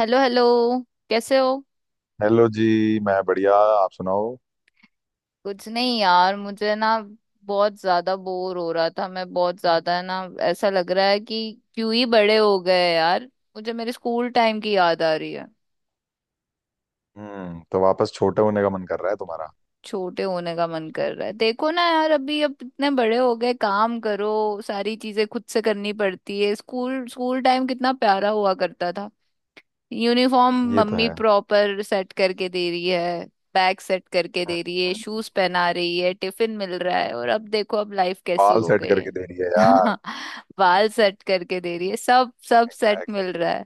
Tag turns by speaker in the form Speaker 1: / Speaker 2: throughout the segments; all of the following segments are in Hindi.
Speaker 1: Hello hello. कैसे हो?
Speaker 2: हेलो जी। मैं बढ़िया, आप सुनाओ।
Speaker 1: कुछ नहीं यार, मुझे ना बहुत ज्यादा बोर हो रहा था। मैं बहुत ज्यादा ना, ऐसा लग रहा है कि क्यों ही बड़े हो गए यार। मुझे मेरे स्कूल टाइम की याद आ रही है।
Speaker 2: तो वापस छोटे होने का मन कर रहा है तुम्हारा।
Speaker 1: छोटे होने का मन कर रहा है, देखो ना यार अभी, अब इतने बड़े हो गए, काम करो, सारी चीजें खुद से करनी पड़ती है। स्कूल स्कूल टाइम कितना प्यारा हुआ करता था। यूनिफॉर्म
Speaker 2: ये तो
Speaker 1: मम्मी
Speaker 2: है।
Speaker 1: प्रॉपर सेट करके दे रही है, बैग सेट करके दे रही है,
Speaker 2: हम्म।
Speaker 1: शूज पहना रही है, टिफिन मिल रहा है, और अब देखो अब लाइफ कैसी
Speaker 2: बाल
Speaker 1: हो
Speaker 2: सेट
Speaker 1: गई
Speaker 2: करके
Speaker 1: है।
Speaker 2: दे रही है यार।
Speaker 1: बाल सेट करके दे रही है, सब सब सेट मिल
Speaker 2: एग्जैक्टली।
Speaker 1: रहा है।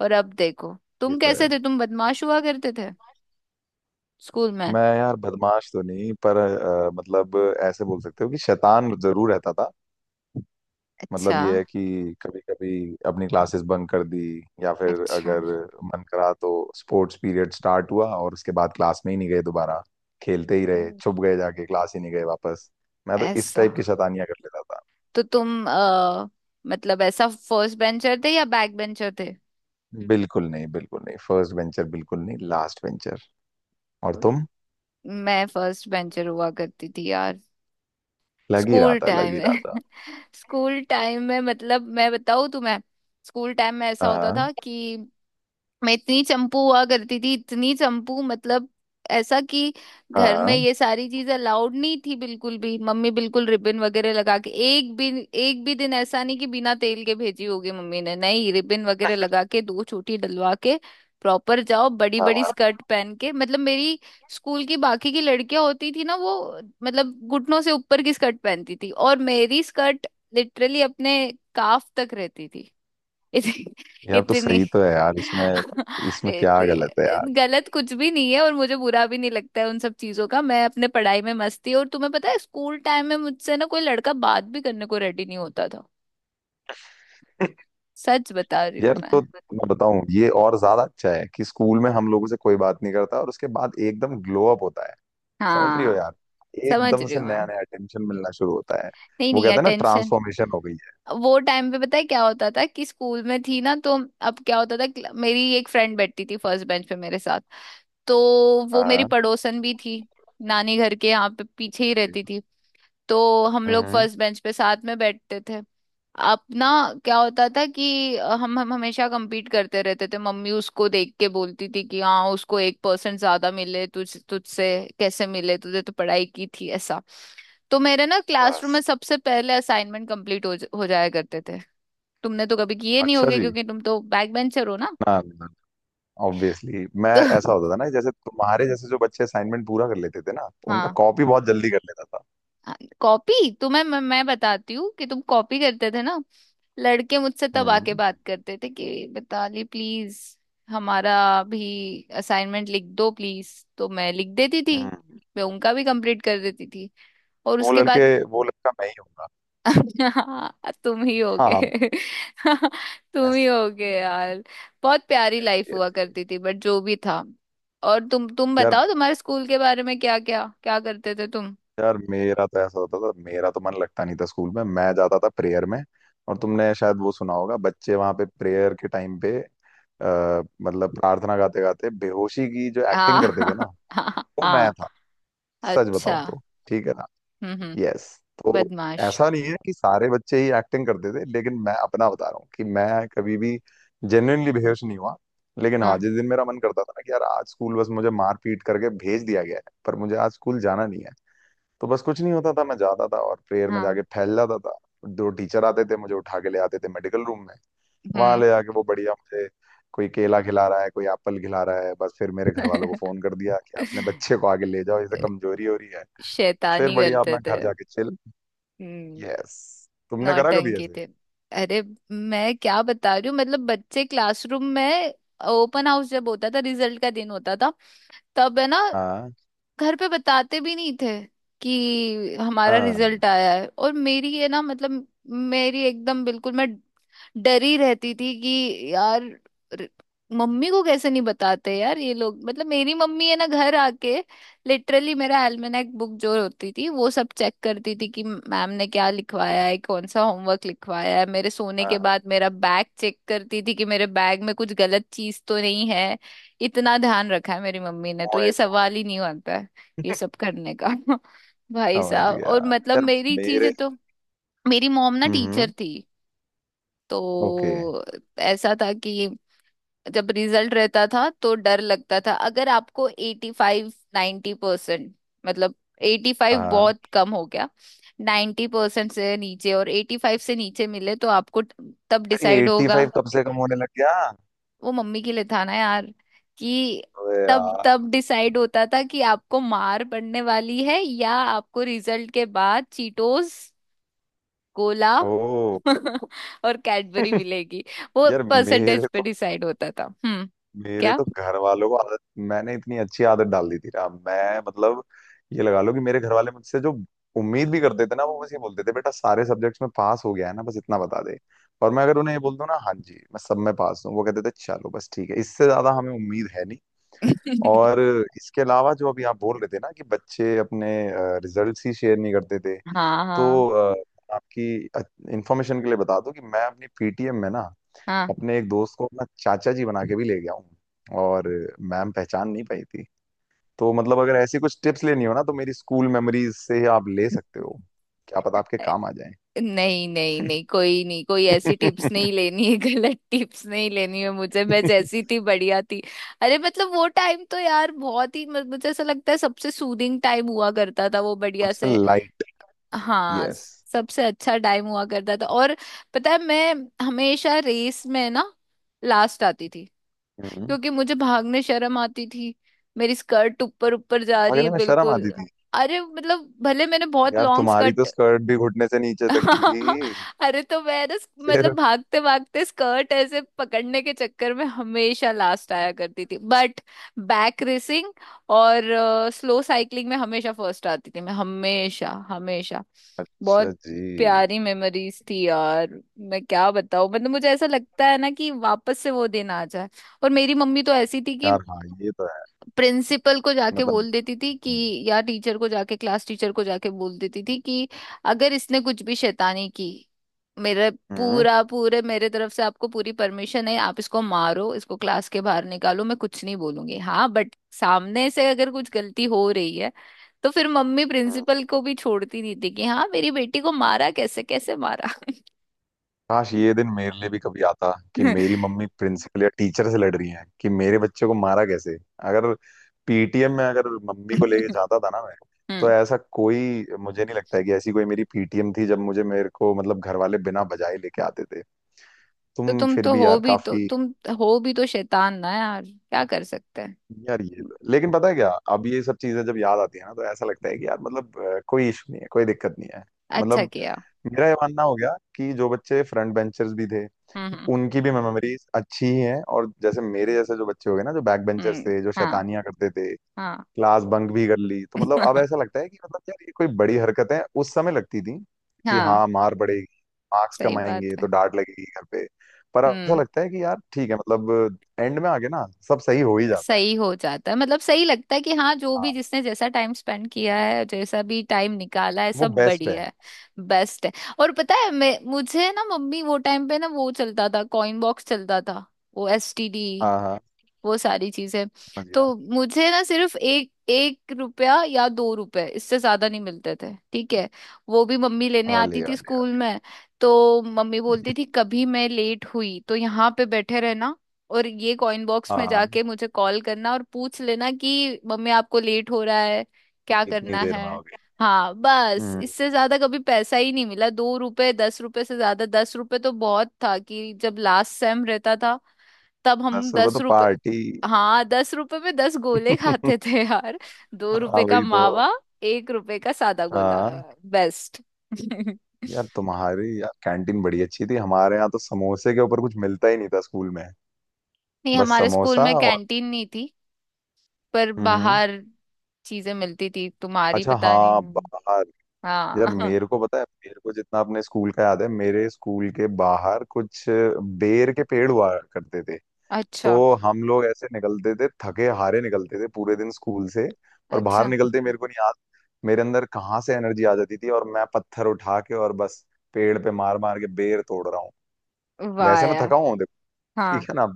Speaker 1: और अब देखो,
Speaker 2: ये
Speaker 1: तुम
Speaker 2: तो
Speaker 1: कैसे
Speaker 2: है।
Speaker 1: थे, तुम बदमाश हुआ करते थे स्कूल में।
Speaker 2: मैं यार बदमाश तो नहीं, पर मतलब ऐसे बोल सकते हो कि शैतान जरूर रहता था।
Speaker 1: अच्छा।
Speaker 2: मतलब ये है कि कभी कभी अपनी क्लासेस बंक कर दी, या फिर
Speaker 1: अच्छा।
Speaker 2: अगर मन करा तो स्पोर्ट्स पीरियड स्टार्ट हुआ और उसके बाद क्लास में ही नहीं गए दोबारा। खेलते ही
Speaker 1: ओ।
Speaker 2: रहे, छुप गए जाके, क्लास ही नहीं गए वापस। मैं तो इस
Speaker 1: ऐसा।
Speaker 2: टाइप की शैतानियां कर लेता था।
Speaker 1: तो तुम मतलब ऐसा फर्स्ट बेंचर थे या बैक बेंचर थे?
Speaker 2: बिल्कुल नहीं, बिल्कुल नहीं, फर्स्ट वेंचर बिल्कुल नहीं, लास्ट वेंचर। और तुम?
Speaker 1: मैं फर्स्ट बेंचर हुआ करती थी यार।
Speaker 2: लग ही रहा
Speaker 1: स्कूल
Speaker 2: था, लग
Speaker 1: टाइम
Speaker 2: ही रहा था।
Speaker 1: है। स्कूल टाइम में मतलब मैं बताऊँ तुम्हें, स्कूल टाइम में ऐसा होता
Speaker 2: हाँ,
Speaker 1: था कि मैं इतनी चंपू हुआ करती थी, इतनी चंपू मतलब, ऐसा कि घर में
Speaker 2: हाँ,
Speaker 1: ये सारी चीजें अलाउड नहीं थी बिल्कुल भी। मम्मी बिल्कुल रिबन वगैरह लगा के, एक भी दिन ऐसा नहीं कि बिना तेल के भेजी होगी मम्मी ने। नहीं, रिबन वगैरह लगा के, दो चोटी डलवा के प्रॉपर जाओ। बड़ी बड़ी
Speaker 2: हाँ।
Speaker 1: स्कर्ट पहन के, मतलब मेरी स्कूल की बाकी की लड़कियां होती थी ना वो, मतलब घुटनों से ऊपर की स्कर्ट पहनती थी, और मेरी स्कर्ट लिटरली अपने काफ तक रहती। इत,
Speaker 2: यार तो
Speaker 1: इतनी
Speaker 2: सही तो है यार, इसमें इसमें
Speaker 1: इत,
Speaker 2: क्या गलत है यार।
Speaker 1: गलत कुछ भी नहीं है, और मुझे बुरा भी नहीं लगता है उन सब चीजों का। मैं अपने पढ़ाई में मस्त थी, और तुम्हें पता है स्कूल टाइम में मुझसे ना कोई लड़का बात भी करने को रेडी नहीं होता था। सच बता रही हूँ
Speaker 2: यार
Speaker 1: मैं।
Speaker 2: तो मैं बताऊं, ये और ज्यादा अच्छा है कि स्कूल में हम लोगों से कोई बात नहीं करता और उसके बाद एकदम ग्लो अप होता है। समझ रही हो
Speaker 1: हाँ,
Speaker 2: यार?
Speaker 1: समझ
Speaker 2: एकदम
Speaker 1: रही
Speaker 2: से
Speaker 1: हूँ
Speaker 2: नया
Speaker 1: मैं।
Speaker 2: नया अटेंशन मिलना शुरू होता है।
Speaker 1: नहीं
Speaker 2: वो
Speaker 1: नहीं,
Speaker 2: कहते हैं ना,
Speaker 1: अटेंशन
Speaker 2: ट्रांसफॉर्मेशन हो गई है।
Speaker 1: वो टाइम पे, पता है क्या होता था कि स्कूल में थी ना तो, अब क्या होता था कि मेरी एक फ्रेंड बैठती थी फर्स्ट बेंच पे मेरे साथ, तो वो मेरी
Speaker 2: हाँ।
Speaker 1: पड़ोसन भी थी, नानी घर के यहाँ पे पीछे ही रहती थी। तो हम लोग
Speaker 2: हम्म।
Speaker 1: फर्स्ट बेंच पे साथ में बैठते थे अपना। क्या होता था कि हम हमेशा compete करते रहते थे। मम्मी उसको देख के बोलती थी कि हाँ, उसको 1% ज्यादा मिले तुझसे कैसे मिले, तुझे तो पढ़ाई की थी ऐसा। तो मेरे ना क्लासरूम में
Speaker 2: बस।
Speaker 1: सबसे पहले असाइनमेंट हो जाया करते थे। तुमने तो कभी किए नहीं
Speaker 2: अच्छा
Speaker 1: होगे,
Speaker 2: जी।
Speaker 1: क्योंकि तुम तो बैक बेंचर हो ना।
Speaker 2: ना, ना। ऑब्वियसली। मैं,
Speaker 1: तो
Speaker 2: ऐसा होता था ना, जैसे तुम्हारे जैसे जो बच्चे असाइनमेंट पूरा कर लेते थे ना, उनका
Speaker 1: हाँ,
Speaker 2: कॉपी बहुत जल्दी कर लेता था।
Speaker 1: कॉपी तुम्हें मैं बताती हूँ कि तुम कॉपी करते थे ना। लड़के मुझसे तब आके
Speaker 2: हम्म,
Speaker 1: बात करते थे कि मिताली प्लीज, हमारा भी असाइनमेंट लिख दो प्लीज। तो मैं लिख देती थी,
Speaker 2: हम्म।
Speaker 1: मैं उनका भी कंप्लीट कर देती थी। और
Speaker 2: वो
Speaker 1: उसके
Speaker 2: लड़के
Speaker 1: बाद,
Speaker 2: वो लड़का मैं ही हूँगा।
Speaker 1: हाँ, तुम ही हो
Speaker 2: हाँ, हाँ।
Speaker 1: गए। तुम
Speaker 2: यस,
Speaker 1: ही हो गए यार। बहुत प्यारी
Speaker 2: यस,
Speaker 1: लाइफ
Speaker 2: यस,
Speaker 1: हुआ
Speaker 2: यस।
Speaker 1: करती थी, बट जो भी था। और तुम
Speaker 2: यार।
Speaker 1: बताओ, तुम्हारे स्कूल के बारे में, क्या क्या क्या करते थे तुम?
Speaker 2: यार मेरा तो ऐसा होता था, मेरा तो मन लगता नहीं था स्कूल में। मैं जाता था प्रेयर में, और तुमने शायद वो सुना होगा, बच्चे वहां पे प्रेयर के टाइम पे मतलब प्रार्थना गाते गाते बेहोशी की जो एक्टिंग
Speaker 1: हाँ।
Speaker 2: करते थे ना, वो मैं
Speaker 1: हाँ।
Speaker 2: था। सच बताऊं
Speaker 1: अच्छा।
Speaker 2: तो। ठीक है।
Speaker 1: हम्म।
Speaker 2: यस। तो
Speaker 1: बदमाश।
Speaker 2: ऐसा नहीं है कि सारे बच्चे ही एक्टिंग करते थे, लेकिन मैं अपना बता रहा हूँ कि मैं कभी भी जेन्युइनली बेहोश नहीं हुआ। लेकिन हाँ,
Speaker 1: हाँ
Speaker 2: जिस दिन मेरा मन करता था ना कि यार आज स्कूल, बस मुझे मार पीट करके भेज दिया गया है पर मुझे आज स्कूल जाना नहीं है, तो बस कुछ नहीं होता था, मैं जाता था और प्रेयर में
Speaker 1: हाँ।
Speaker 2: जाके फैल जाता था। दो टीचर आते थे, मुझे उठा के ले आते थे मेडिकल रूम में। वहां
Speaker 1: हम्म।
Speaker 2: ले जाके वो बढ़िया, मुझे कोई केला खिला रहा है, कोई एप्पल खिला रहा है, बस फिर मेरे घर वालों को फोन कर दिया कि अपने बच्चे को आगे ले जाओ, इसे कमजोरी हो रही है। फिर
Speaker 1: शैतानी
Speaker 2: बढ़िया
Speaker 1: करते
Speaker 2: अपना
Speaker 1: थे।
Speaker 2: घर जाके चिल।
Speaker 1: हम्म।
Speaker 2: यस। तुमने करा कभी
Speaker 1: नौटंकी
Speaker 2: ऐसे?
Speaker 1: थे। अरे, मैं क्या बता रही हूँ मतलब, बच्चे क्लासरूम में, ओपन हाउस जब होता था, रिजल्ट का दिन होता था तब है ना,
Speaker 2: हाँ,
Speaker 1: घर पे बताते भी नहीं थे कि हमारा
Speaker 2: हाँ,
Speaker 1: रिजल्ट आया है। और मेरी ये ना मतलब, मेरी एकदम बिल्कुल, मैं डरी रहती थी कि यार, र- मम्मी को कैसे नहीं बताते यार ये लोग। मतलब मेरी मम्मी है ना, घर आके लिटरली मेरा एल्मेनाक बुक जो होती थी वो सब चेक करती थी कि मैम ने क्या लिखवाया है, कौन सा होमवर्क लिखवाया है। मेरे सोने के
Speaker 2: हाँ।
Speaker 1: बाद मेरा बैग चेक करती थी कि मेरे बैग में कुछ गलत चीज तो नहीं है। इतना ध्यान रखा है मेरी मम्मी ने, तो
Speaker 2: ओए,
Speaker 1: ये
Speaker 2: ओए।
Speaker 1: सवाल ही नहीं आता है ये सब करने का। भाई
Speaker 2: समझ
Speaker 1: साहब,
Speaker 2: गया।
Speaker 1: और मतलब
Speaker 2: यार,
Speaker 1: मेरी
Speaker 2: मेरे।
Speaker 1: चीजें तो, मेरी मॉम ना टीचर
Speaker 2: हम्म।
Speaker 1: थी,
Speaker 2: ओके।
Speaker 1: तो ऐसा था कि जब रिजल्ट रहता था तो डर लगता था। अगर आपको 85, 90%, मतलब 85
Speaker 2: हाँ
Speaker 1: बहुत कम हो गया, 90% से नीचे और 85 से नीचे मिले, तो आपको तब
Speaker 2: यार, ये
Speaker 1: डिसाइड होगा।
Speaker 2: 85 कब से कम होने लग गया?
Speaker 1: वो मम्मी के लिए था ना यार, कि
Speaker 2: अबे
Speaker 1: तब
Speaker 2: यार।
Speaker 1: तब डिसाइड होता था कि आपको मार पड़ने वाली है, या आपको रिजल्ट के बाद चीटोस, कोला
Speaker 2: ओ।
Speaker 1: और कैडबरी मिलेगी। वो
Speaker 2: यार मेरे
Speaker 1: परसेंटेज पे डिसाइड होता था। हम्म।
Speaker 2: मेरे
Speaker 1: क्या।
Speaker 2: तो घर वालों को आदत, मैंने इतनी अच्छी आदत डाल दी थी ना। मैं मतलब, ये लगा लो कि मेरे घर वाले मुझसे जो उम्मीद भी करते थे ना, वो बस ये बोलते थे, बेटा सारे सब्जेक्ट्स में पास हो गया है ना, बस इतना बता दे। और मैं अगर उन्हें ये बोल दूं ना, हाँ जी मैं सब में पास हूँ, वो कहते थे, चलो बस ठीक है, इससे ज्यादा हमें उम्मीद है नहीं। और इसके अलावा जो अभी आप बोल रहे थे ना कि बच्चे अपने रिजल्ट्स ही शेयर नहीं करते थे,
Speaker 1: हाँ हाँ
Speaker 2: तो आपकी इंफॉर्मेशन के लिए बता दूं कि मैं अपनी पीटीएम में ना, अपने एक दोस्त को अपना चाचा जी बना के भी ले गया हूँ, और मैम पहचान नहीं पाई थी। तो मतलब अगर ऐसी कुछ टिप्स लेनी हो ना, तो मेरी स्कूल मेमोरीज से आप ले सकते हो, क्या पता आपके
Speaker 1: हाँ।
Speaker 2: काम आ जाए।
Speaker 1: नहीं नहीं नहीं, कोई नहीं, कोई ऐसी टिप्स नहीं लेनी है, गलत टिप्स नहीं लेनी है मुझे। मैं जैसी थी बढ़िया थी। अरे मतलब वो टाइम तो यार बहुत ही मुझे ऐसा लगता है सबसे सूदिंग टाइम हुआ करता था वो, बढ़िया
Speaker 2: सबसे
Speaker 1: से।
Speaker 2: लाइट।
Speaker 1: हाँ,
Speaker 2: यस।
Speaker 1: सबसे अच्छा टाइम हुआ करता था। और पता है, मैं हमेशा रेस में ना लास्ट आती थी,
Speaker 2: हम्म।
Speaker 1: क्योंकि मुझे भागने शर्म आती थी, मेरी स्कर्ट ऊपर ऊपर जा रही है
Speaker 2: भागने में शर्म
Speaker 1: बिल्कुल।
Speaker 2: आती थी?
Speaker 1: अरे मतलब भले मैंने बहुत
Speaker 2: यार,
Speaker 1: लॉन्ग
Speaker 2: तुम्हारी तो
Speaker 1: स्कर्ट,
Speaker 2: स्कर्ट भी घुटने से नीचे तक की थी।
Speaker 1: अरे, तो मैं ना,
Speaker 2: फिर।
Speaker 1: मतलब भागते भागते स्कर्ट ऐसे पकड़ने के चक्कर में हमेशा लास्ट आया करती थी, बट बैक रेसिंग और स्लो साइकिलिंग में हमेशा फर्स्ट आती थी मैं, हमेशा हमेशा।
Speaker 2: अच्छा
Speaker 1: बहुत
Speaker 2: जी।
Speaker 1: प्यारी मेमोरीज थी यार, मैं क्या बताऊं मतलब। मुझे ऐसा लगता है ना कि वापस से वो दिन आ जाए। और मेरी मम्मी तो ऐसी थी कि
Speaker 2: यार हाँ, ये तो है।
Speaker 1: प्रिंसिपल को जाके
Speaker 2: मतलब।
Speaker 1: बोल देती थी कि,
Speaker 2: हम्म,
Speaker 1: या टीचर को जाके, क्लास टीचर को जाके बोल देती थी कि अगर इसने कुछ भी शैतानी की मेरे, पूरा पूरे मेरे तरफ से आपको पूरी परमिशन है, आप इसको मारो, इसको क्लास के बाहर निकालो, मैं कुछ नहीं बोलूंगी। हाँ बट सामने से अगर कुछ गलती हो रही है तो फिर मम्मी
Speaker 2: हम्म।
Speaker 1: प्रिंसिपल को भी छोड़ती नहीं थी कि हाँ, मेरी बेटी को मारा कैसे, कैसे मारा।
Speaker 2: काश ये दिन मेरे लिए भी कभी आता कि मेरी मम्मी प्रिंसिपल या टीचर से लड़ रही है कि मेरे बच्चे को मारा कैसे। अगर पीटीएम में अगर मम्मी को लेके जाता था ना मैं, तो
Speaker 1: हम्म।
Speaker 2: ऐसा कोई मुझे नहीं लगता है कि ऐसी कोई मेरी पीटीएम थी जब मुझे, मेरे को मतलब, घर वाले बिना बजाए लेके आते थे।
Speaker 1: तो
Speaker 2: तुम
Speaker 1: तुम
Speaker 2: फिर
Speaker 1: तो
Speaker 2: भी
Speaker 1: हो
Speaker 2: यार
Speaker 1: भी तो,
Speaker 2: काफी।
Speaker 1: तुम हो भी तो शैतान ना यार, क्या कर सकते हैं।
Speaker 2: यार ये तो, लेकिन पता है क्या, अब ये सब चीजें जब याद आती है ना, तो ऐसा लगता है कि यार मतलब कोई इशू नहीं है, कोई दिक्कत नहीं है।
Speaker 1: अच्छा
Speaker 2: मतलब,
Speaker 1: किया।
Speaker 2: मेरा ये मानना हो गया कि जो बच्चे फ्रंट बेंचर्स भी थे,
Speaker 1: हम्म।
Speaker 2: उनकी भी मेमोरीज अच्छी ही हैं, और जैसे मेरे जैसे जो बच्चे हो गए ना, जो बैक बेंचर्स
Speaker 1: हम्म,
Speaker 2: थे, जो
Speaker 1: हाँ।
Speaker 2: शैतानियां करते थे,
Speaker 1: हाँ।
Speaker 2: क्लास बंक भी कर ली, तो मतलब अब ऐसा लगता है कि, मतलब यार, ये कोई बड़ी हरकतें उस समय लगती थी कि
Speaker 1: हाँ।
Speaker 2: हाँ मार पड़ेगी, मार्क्स
Speaker 1: सही बात
Speaker 2: कमाएंगे तो
Speaker 1: है।
Speaker 2: डांट लगेगी घर पे। पर अब ऐसा
Speaker 1: हम्म।
Speaker 2: लगता है कि यार ठीक है, मतलब एंड में आके ना सब सही हो ही जाता है।
Speaker 1: सही हो जाता है, मतलब सही लगता है कि हाँ, जो भी
Speaker 2: हाँ।
Speaker 1: जिसने जैसा टाइम स्पेंड किया है, जैसा भी टाइम निकाला है,
Speaker 2: वो
Speaker 1: सब
Speaker 2: बेस्ट है।
Speaker 1: बढ़िया है। बेस्ट है। और पता है, मैं, मुझे ना मम्मी वो टाइम पे ना, वो चलता था कॉइन बॉक्स चलता था, वो एसटीडी,
Speaker 2: हाँ, हाँ।
Speaker 1: वो सारी चीजें,
Speaker 2: समझ गया।
Speaker 1: तो मुझे ना सिर्फ 1-1 रुपया या 2 रुपए, इससे ज्यादा नहीं मिलते थे। ठीक है, वो भी मम्मी लेने
Speaker 2: ओले
Speaker 1: आती थी
Speaker 2: ओले
Speaker 1: स्कूल
Speaker 2: ओले।
Speaker 1: में। तो मम्मी बोलती थी कभी मैं लेट हुई तो यहाँ पे बैठे रहना, और ये कॉइन बॉक्स में
Speaker 2: हाँ।
Speaker 1: जाके मुझे कॉल करना और पूछ लेना कि मम्मी आपको लेट हो रहा है, क्या
Speaker 2: इतनी
Speaker 1: करना
Speaker 2: देर में
Speaker 1: है।
Speaker 2: हो गई?
Speaker 1: हाँ, बस
Speaker 2: हम्म।
Speaker 1: इससे ज्यादा कभी पैसा ही नहीं मिला। 2 रुपए, 10 रुपए से ज्यादा, 10 रुपए तो बहुत था कि जब लास्ट सेम रहता था, तब हम
Speaker 2: दस रुपए
Speaker 1: दस
Speaker 2: तो
Speaker 1: रुपए
Speaker 2: पार्टी।
Speaker 1: हाँ 10 रुपए में 10 गोले खाते थे यार। दो
Speaker 2: हाँ,
Speaker 1: रुपए का
Speaker 2: वही तो।
Speaker 1: मावा, 1 रुपए का सादा गोला।
Speaker 2: हाँ
Speaker 1: बेस्ट।
Speaker 2: यार, तुम्हारी यार कैंटीन बड़ी अच्छी थी, हमारे यहाँ तो समोसे के ऊपर कुछ मिलता ही नहीं था स्कूल में।
Speaker 1: नहीं,
Speaker 2: बस
Speaker 1: हमारे स्कूल
Speaker 2: समोसा
Speaker 1: में
Speaker 2: और।
Speaker 1: कैंटीन नहीं थी, पर
Speaker 2: हम्म।
Speaker 1: बाहर चीजें मिलती थी। तुम्हारी
Speaker 2: अच्छा
Speaker 1: पता
Speaker 2: हाँ,
Speaker 1: नहीं।
Speaker 2: बाहर। यार,
Speaker 1: हाँ।
Speaker 2: मेरे को पता है, मेरे को जितना अपने स्कूल का याद है, मेरे स्कूल के बाहर कुछ बेर के पेड़ हुआ करते थे। तो
Speaker 1: अच्छा।
Speaker 2: हम लोग ऐसे निकलते थे, थके हारे निकलते थे पूरे दिन स्कूल से, और बाहर
Speaker 1: अच्छा।
Speaker 2: निकलते मेरे को नहीं याद मेरे अंदर कहाँ से एनर्जी आ जाती थी, और मैं पत्थर उठा के, और बस पेड़ पे मार मार के बेर तोड़ रहा हूँ।
Speaker 1: वाह
Speaker 2: वैसे मैं
Speaker 1: यार।
Speaker 2: थका हुआ हूँ देखो। ठीक
Speaker 1: हाँ।
Speaker 2: है ना।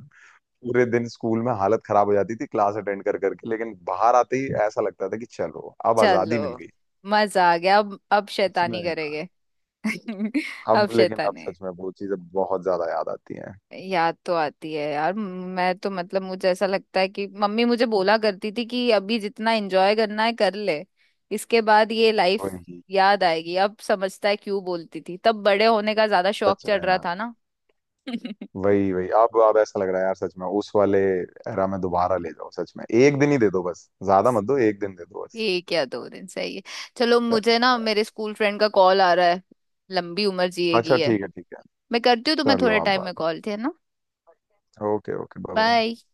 Speaker 2: पूरे दिन स्कूल में हालत खराब हो जाती थी क्लास अटेंड कर करके, लेकिन बाहर आते ही ऐसा लगता था कि चलो अब
Speaker 1: चलो,
Speaker 2: आजादी मिल गई।
Speaker 1: मजा आ गया, अब
Speaker 2: सच में
Speaker 1: शैतानी
Speaker 2: यार।
Speaker 1: करेंगे।
Speaker 2: अब
Speaker 1: अब
Speaker 2: लेकिन अब
Speaker 1: शैतानी
Speaker 2: सच में वो चीजें बहुत ज्यादा याद आती हैं।
Speaker 1: याद तो आती है यार। मैं तो मतलब, मुझे ऐसा लगता है कि मम्मी मुझे बोला करती थी कि अभी जितना एंजॉय करना है कर ले, इसके बाद ये लाइफ
Speaker 2: वही।
Speaker 1: याद आएगी। अब समझता है क्यों बोलती थी, तब बड़े होने का ज्यादा शौक
Speaker 2: सच में
Speaker 1: चढ़ रहा
Speaker 2: यार।
Speaker 1: था ना।
Speaker 2: वही, वही। अब ऐसा लग रहा है यार सच में, उस वाले एरा में दोबारा ले जाओ, सच में एक दिन ही दे दो बस, ज्यादा मत दो, एक दिन दे दो बस।
Speaker 1: एक या दो दिन सही है। चलो, मुझे
Speaker 2: सच
Speaker 1: ना
Speaker 2: में।
Speaker 1: मेरे स्कूल फ्रेंड का कॉल आ रहा है। लंबी उम्र जिएगी
Speaker 2: अच्छा
Speaker 1: है।
Speaker 2: ठीक है, ठीक है।
Speaker 1: मैं करती हूँ तुम्हें
Speaker 2: कर लो
Speaker 1: थोड़े
Speaker 2: आप
Speaker 1: टाइम
Speaker 2: बात।
Speaker 1: में कॉल, थे ना।
Speaker 2: Okay, okay, bye bye.
Speaker 1: Bye.